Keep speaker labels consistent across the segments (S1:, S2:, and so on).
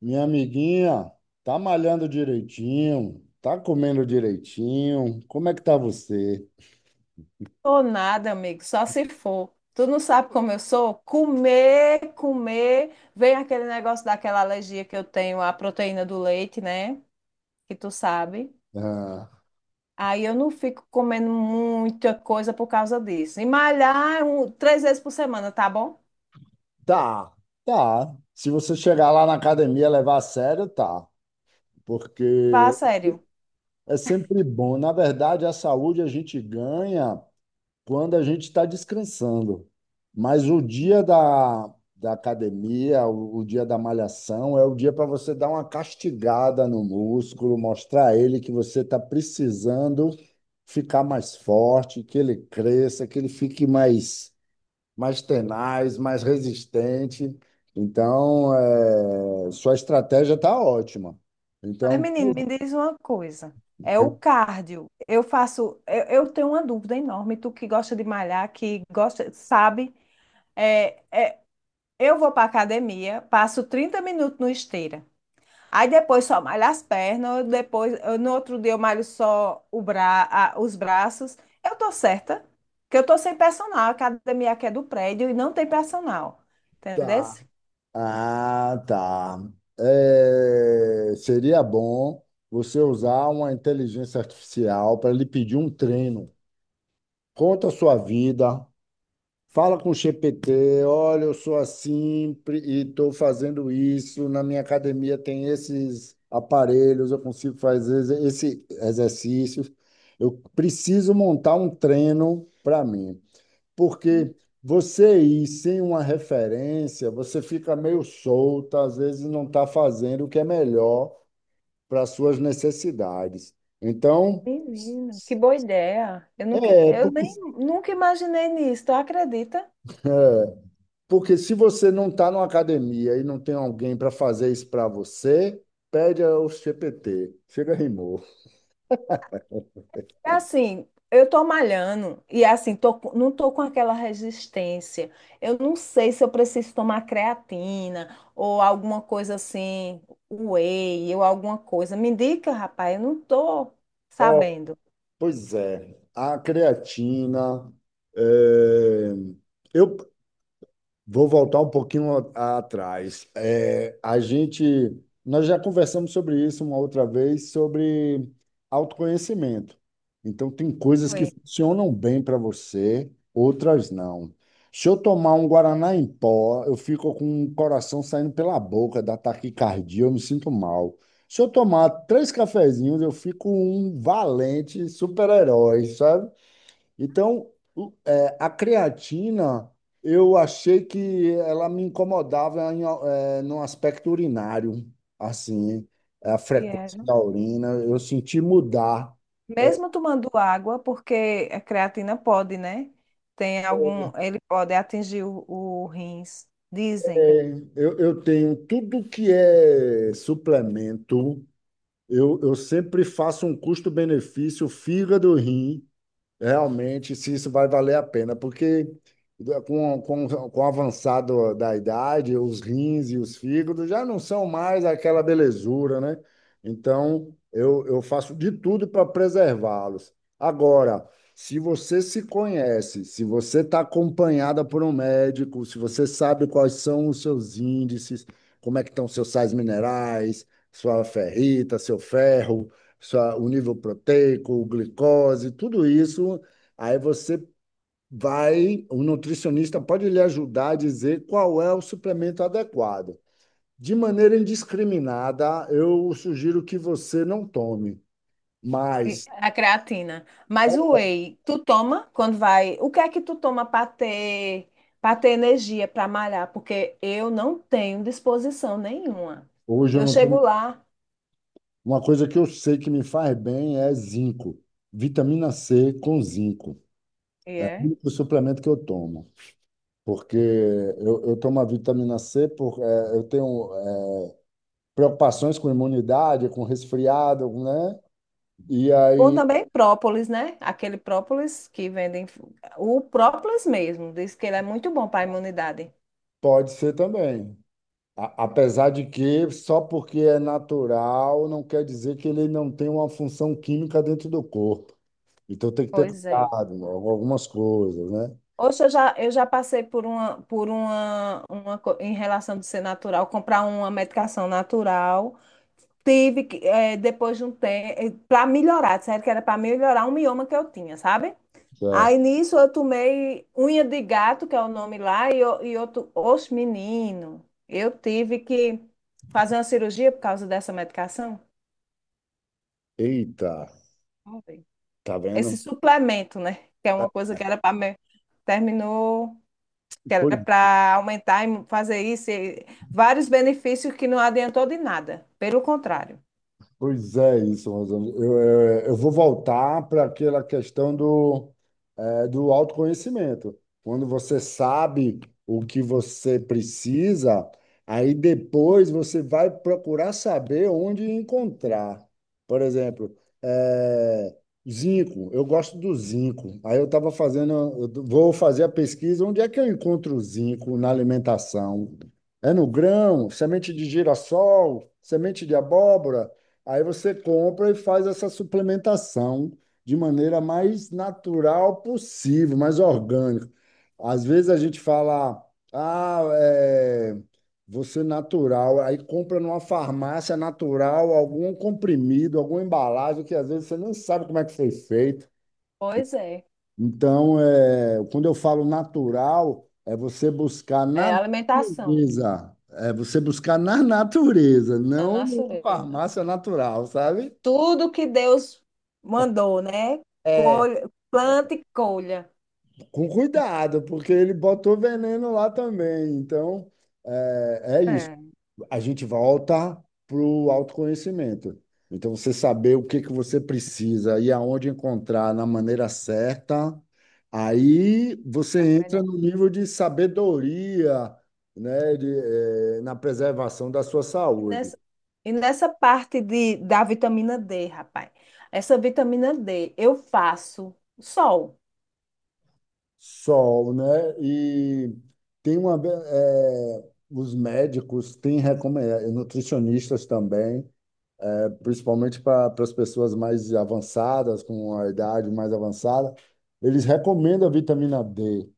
S1: Minha amiguinha, tá malhando direitinho, tá comendo direitinho. Como é que tá você?
S2: Tô nada, amigo, só se for. Tu não sabe como eu sou? Comer, comer. Vem aquele negócio daquela alergia que eu tenho à proteína do leite, né? Que tu sabe.
S1: Ah,
S2: Aí eu não fico comendo muita coisa por causa disso. E malhar três vezes por semana, tá bom?
S1: tá, tá. Se você chegar lá na academia e levar a sério, tá.
S2: Fala
S1: Porque
S2: sério.
S1: é sempre bom. Na verdade, a saúde a gente ganha quando a gente está descansando. Mas o dia da academia, o dia da malhação, é o dia para você dar uma castigada no músculo, mostrar a ele que você está precisando ficar mais forte, que ele cresça, que ele fique mais, mais tenaz, mais resistente. Então, sua estratégia está ótima.
S2: Mas,
S1: Então,
S2: menino, me diz uma coisa. É o cardio. Eu faço. Eu tenho uma dúvida enorme. Tu que gosta de malhar, que gosta, sabe? é, Eu vou para academia, passo 30 minutos no esteira. Aí depois só malho as pernas, no outro dia eu malho só os braços. Eu tô certa, que eu tô sem personal. A academia aqui é do prédio e não tem personal. Entendeu?
S1: tá. Ah, tá. É, seria bom você usar uma inteligência artificial para lhe pedir um treino. Conta a sua vida, fala com o GPT, olha, eu sou assim e estou fazendo isso, na minha academia tem esses aparelhos, eu consigo fazer esse exercício. Eu preciso montar um treino para mim
S2: Hum.
S1: porque você ir sem uma referência, você fica meio solta, às vezes não está fazendo o que é melhor para as suas necessidades. Então,
S2: Menina, que boa ideia. Eu nunca.
S1: é,
S2: Eu
S1: porque,
S2: nem nunca imaginei nisso, tu acredita?
S1: porque se você não está numa academia e não tem alguém para fazer isso para você, pede ao GPT. Chega, rimou.
S2: É assim, eu tô malhando e é assim, não tô com aquela resistência. Eu não sei se eu preciso tomar creatina ou alguma coisa assim, whey ou alguma coisa. Me indica, rapaz, eu não tô
S1: Ó,
S2: sabendo.
S1: pois é, a creatina. É, eu Vou voltar um pouquinho atrás. É, nós já conversamos sobre isso uma outra vez, sobre autoconhecimento. Então, tem coisas que
S2: Oi.
S1: funcionam bem para você, outras não. Se eu tomar um Guaraná em pó, eu fico com o coração saindo pela boca, da taquicardia, eu me sinto mal. Se eu tomar três cafezinhos, eu fico um valente super-herói, sabe? Então, a creatina, eu achei que ela me incomodava em, num aspecto urinário, assim, a
S2: E
S1: frequência
S2: era.
S1: da urina, eu senti mudar.
S2: Mesmo tomando água, porque a creatina pode, né? Tem algum, ele pode atingir o rins, dizem.
S1: É, eu tenho tudo que é suplemento, eu sempre faço um custo-benefício, fígado, rim, realmente, se isso vai valer a pena, porque com o avançado da idade, os rins e os fígados já não são mais aquela belezura, né? Então, eu faço de tudo para preservá-los. Agora, se você se conhece, se você está acompanhada por um médico, se você sabe quais são os seus índices, como é que estão seus sais minerais, sua ferrita, seu ferro, o nível proteico, glicose, tudo isso. Aí você vai, o nutricionista pode lhe ajudar a dizer qual é o suplemento adequado. De maneira indiscriminada, eu sugiro que você não tome, mas
S2: A creatina. Mas o whey, tu toma quando vai. O que é que tu toma para ter energia para malhar? Porque eu não tenho disposição nenhuma.
S1: hoje eu
S2: Eu
S1: não
S2: chego
S1: tomo.
S2: lá.
S1: Uma coisa que eu sei que me faz bem é zinco, vitamina C com zinco.
S2: E
S1: É o
S2: é?
S1: único suplemento que eu tomo. Porque eu tomo a vitamina C, eu tenho preocupações com imunidade, com resfriado, né? E
S2: Bom
S1: aí
S2: também própolis, né? Aquele própolis que vendem. O própolis mesmo. Diz que ele é muito bom para a imunidade.
S1: pode ser também. Apesar de que só porque é natural não quer dizer que ele não tem uma função química dentro do corpo. Então tem que ter
S2: Pois é.
S1: cuidado com algumas coisas, né?
S2: Oxe, eu já passei por uma, co- em relação de ser natural, comprar uma medicação natural. Tive que, depois de um tempo, para melhorar, disseram que era para melhorar um mioma que eu tinha, sabe?
S1: Certo.
S2: Aí nisso eu tomei unha de gato, que é o nome lá, e outro, oxe, menino, eu tive que fazer uma cirurgia por causa dessa medicação.
S1: Eita,
S2: Foi.
S1: tá
S2: Esse
S1: vendo?
S2: suplemento, né? Que é uma coisa que era para. Terminou, que era
S1: Pois
S2: para aumentar e fazer isso, e vários benefícios que não adiantou de nada, pelo contrário.
S1: Pois é, isso, Rosângela. Eu vou voltar para aquela questão do, do autoconhecimento. Quando você sabe o que você precisa, aí depois você vai procurar saber onde encontrar. Por exemplo, eh, zinco. Eu gosto do zinco. Aí eu estava fazendo, eu vou fazer a pesquisa, onde é que eu encontro o zinco na alimentação? É no grão, semente de girassol, semente de abóbora? Aí você compra e faz essa suplementação de maneira mais natural possível, mais orgânica. Às vezes a gente fala, ah, é, você natural, aí compra numa farmácia natural algum comprimido, alguma embalagem que às vezes você nem sabe como é que foi feito.
S2: Pois é,
S1: Então, quando eu falo natural, é você buscar na
S2: é alimentação.
S1: natureza, é você buscar na natureza,
S2: Na
S1: não numa
S2: natureza.
S1: farmácia natural, sabe?
S2: Tudo que Deus mandou, né?
S1: É,
S2: Colha, planta e colha.
S1: com cuidado, porque ele botou veneno lá também. Então, é isso.
S2: É,
S1: A gente volta para o autoconhecimento. Então, você saber o que que você precisa e aonde encontrar na maneira certa, aí
S2: é
S1: você entra
S2: melhor.
S1: no nível de sabedoria, né, de, na preservação da sua
S2: E
S1: saúde.
S2: nessa, e nessa parte da vitamina D, rapaz, essa vitamina D eu faço sol.
S1: Sol, né? E tem uma, os médicos têm recomendado, nutricionistas também, principalmente para as pessoas mais avançadas, com a idade mais avançada, eles recomendam a vitamina D,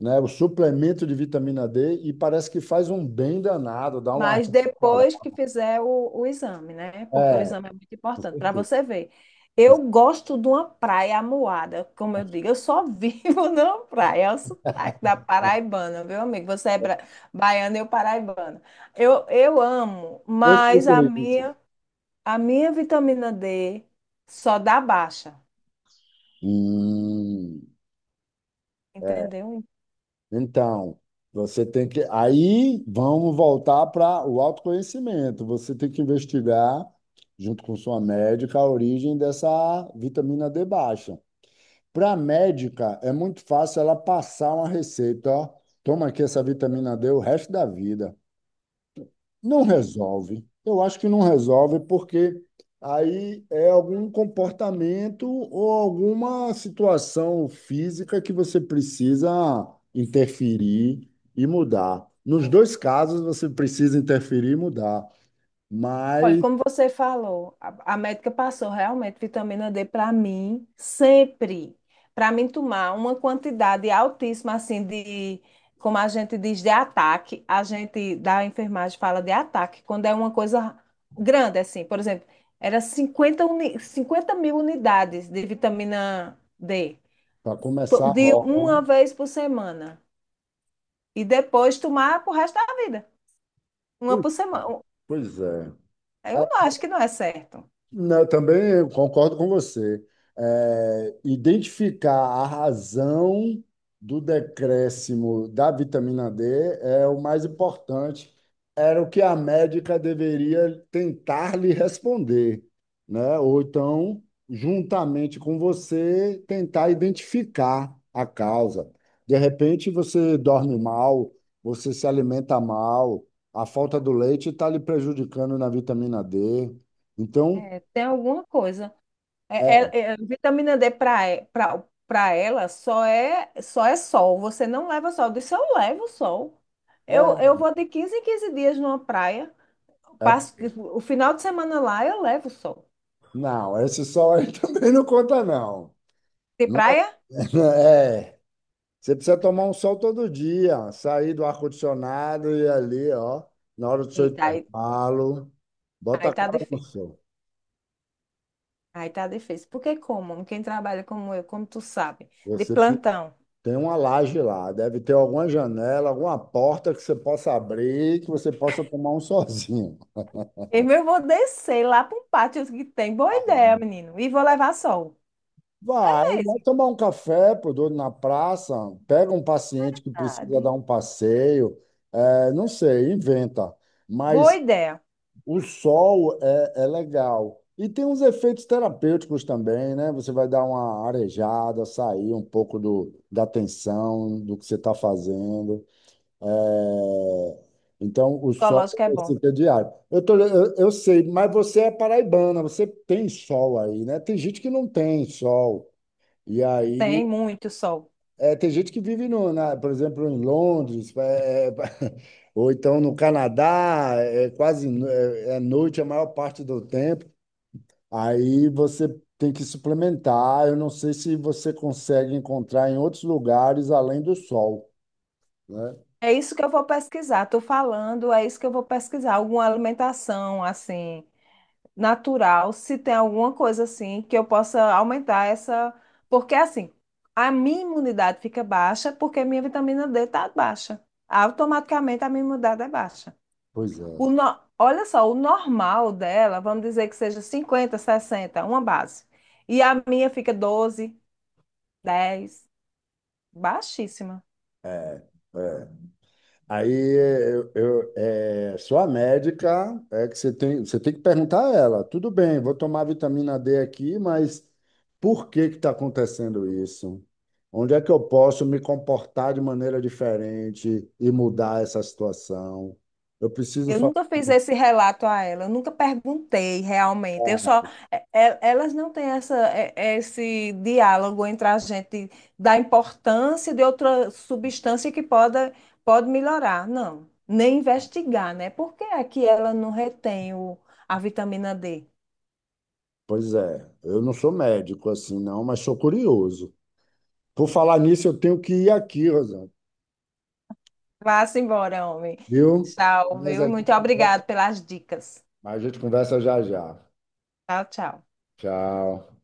S1: né? O suplemento de vitamina D e parece que faz um bem danado, dá uma
S2: Mas
S1: reforçada.
S2: depois que fizer o exame, né? Porque o
S1: É,
S2: exame é muito
S1: com
S2: importante para
S1: certeza.
S2: você ver. Eu gosto de uma praia amuada, como eu digo, eu só vivo numa praia. É o sotaque da paraibana, meu amigo. Você é baiana, eu paraibana. Eu amo,
S1: Eu sei o
S2: mas a
S1: que é isso.
S2: minha, a minha vitamina D só dá baixa,
S1: Hum.
S2: entendeu?
S1: Então, você tem que. Aí vamos voltar para o autoconhecimento. Você tem que investigar, junto com sua médica, a origem dessa vitamina D baixa. Para a médica, é muito fácil ela passar uma receita, ó. Toma aqui essa vitamina D o resto da vida. Não resolve. Eu acho que não resolve porque aí é algum comportamento ou alguma situação física que você precisa interferir e mudar. Nos dois casos, você precisa interferir e mudar,
S2: Olha,
S1: mas
S2: como você falou, a médica passou realmente vitamina D para mim sempre. Para mim tomar uma quantidade altíssima assim de, como a gente diz, de ataque, a gente da enfermagem fala de ataque, quando é uma coisa grande assim, por exemplo, era 50 mil unidades de vitamina D,
S1: para começar
S2: de
S1: logo, né?
S2: uma vez por semana. E depois tomar pro resto da vida, uma
S1: Pois,
S2: por semana.
S1: pois é.
S2: Eu não acho que não é certo.
S1: Não, eu também eu concordo com você. É, identificar a razão do decréscimo da vitamina D é o mais importante. Era o que a médica deveria tentar lhe responder, né? Ou então, juntamente com você, tentar identificar a causa. De repente, você dorme mal, você se alimenta mal, a falta do leite está lhe prejudicando na vitamina D. Então,
S2: É, tem alguma coisa. É,
S1: é,
S2: vitamina D para ela só é sol. Você não leva sol. Eu disse, eu levo sol. Eu vou de 15 em 15 dias numa praia.
S1: é,
S2: Passo
S1: é,
S2: o final de semana lá, eu levo sol.
S1: não, esse sol aí também não conta, não.
S2: De
S1: Não
S2: praia?
S1: É, você precisa tomar um sol todo dia, sair do ar-condicionado e ir ali, ó, na hora do seu
S2: Eita, aí,
S1: intervalo, bota
S2: aí
S1: a
S2: tá
S1: cara no
S2: difícil.
S1: sol.
S2: Aí tá difícil. Porque como? Quem trabalha como eu, como tu sabe, de
S1: Você te-
S2: plantão.
S1: Tem uma laje lá, deve ter alguma janela, alguma porta que você possa abrir, que você possa tomar um solzinho.
S2: Eu mesmo vou descer lá para um pátio que tem. Boa
S1: Ah,
S2: ideia, menino. E vou levar sol. É
S1: vai, vai
S2: mesmo.
S1: tomar um café, pô, doido, na praça, pega um paciente que precisa
S2: Verdade.
S1: dar um passeio, é, não sei, inventa.
S2: Boa
S1: Mas
S2: ideia.
S1: o sol é legal. E tem uns efeitos terapêuticos também, né? Você vai dar uma arejada, sair um pouco da tensão, do que você está fazendo. É, então, o sol
S2: Ecológico é bom.
S1: é diário. Eu sei, mas você é paraibana, você tem sol aí, né? Tem gente que não tem sol. E aí,
S2: Tem muito sol.
S1: tem gente que vive, no, na- por exemplo, em Londres, ou então no Canadá, é quase é noite a maior parte do tempo. Aí você tem que suplementar. Eu não sei se você consegue encontrar em outros lugares além do sol, né?
S2: É isso que eu vou pesquisar. Estou falando, é isso que eu vou pesquisar. Alguma alimentação assim natural, se tem alguma coisa assim que eu possa aumentar essa, porque assim, a minha imunidade fica baixa porque minha vitamina D está baixa. Automaticamente a minha imunidade é baixa.
S1: Pois é.
S2: O no- Olha só, o normal dela, vamos dizer que seja 50, 60 uma base. E a minha fica 12, 10 baixíssima.
S1: É. Sua médica é que você tem que perguntar a ela, tudo bem, vou tomar vitamina D aqui, mas por que que está acontecendo isso? Onde é que eu posso me comportar de maneira diferente e mudar essa situação? Eu preciso
S2: Eu
S1: falar.
S2: nunca fiz esse relato a ela, eu nunca perguntei realmente. Eu só, elas não têm essa, esse diálogo entre a gente da importância de outra substância que pode melhorar, não. Nem investigar, né? Por que é que ela não retém o, a vitamina D?
S1: Pois é, eu não sou médico assim, não, mas sou curioso. Por falar nisso, eu tenho que ir aqui, Rosana,
S2: Vá-se embora, homem.
S1: viu?
S2: Tchau,
S1: Mas
S2: viu?
S1: a
S2: Muito
S1: gente conversa,
S2: obrigada pelas dicas.
S1: mas a gente conversa já já.
S2: Tchau, tchau.
S1: Tchau.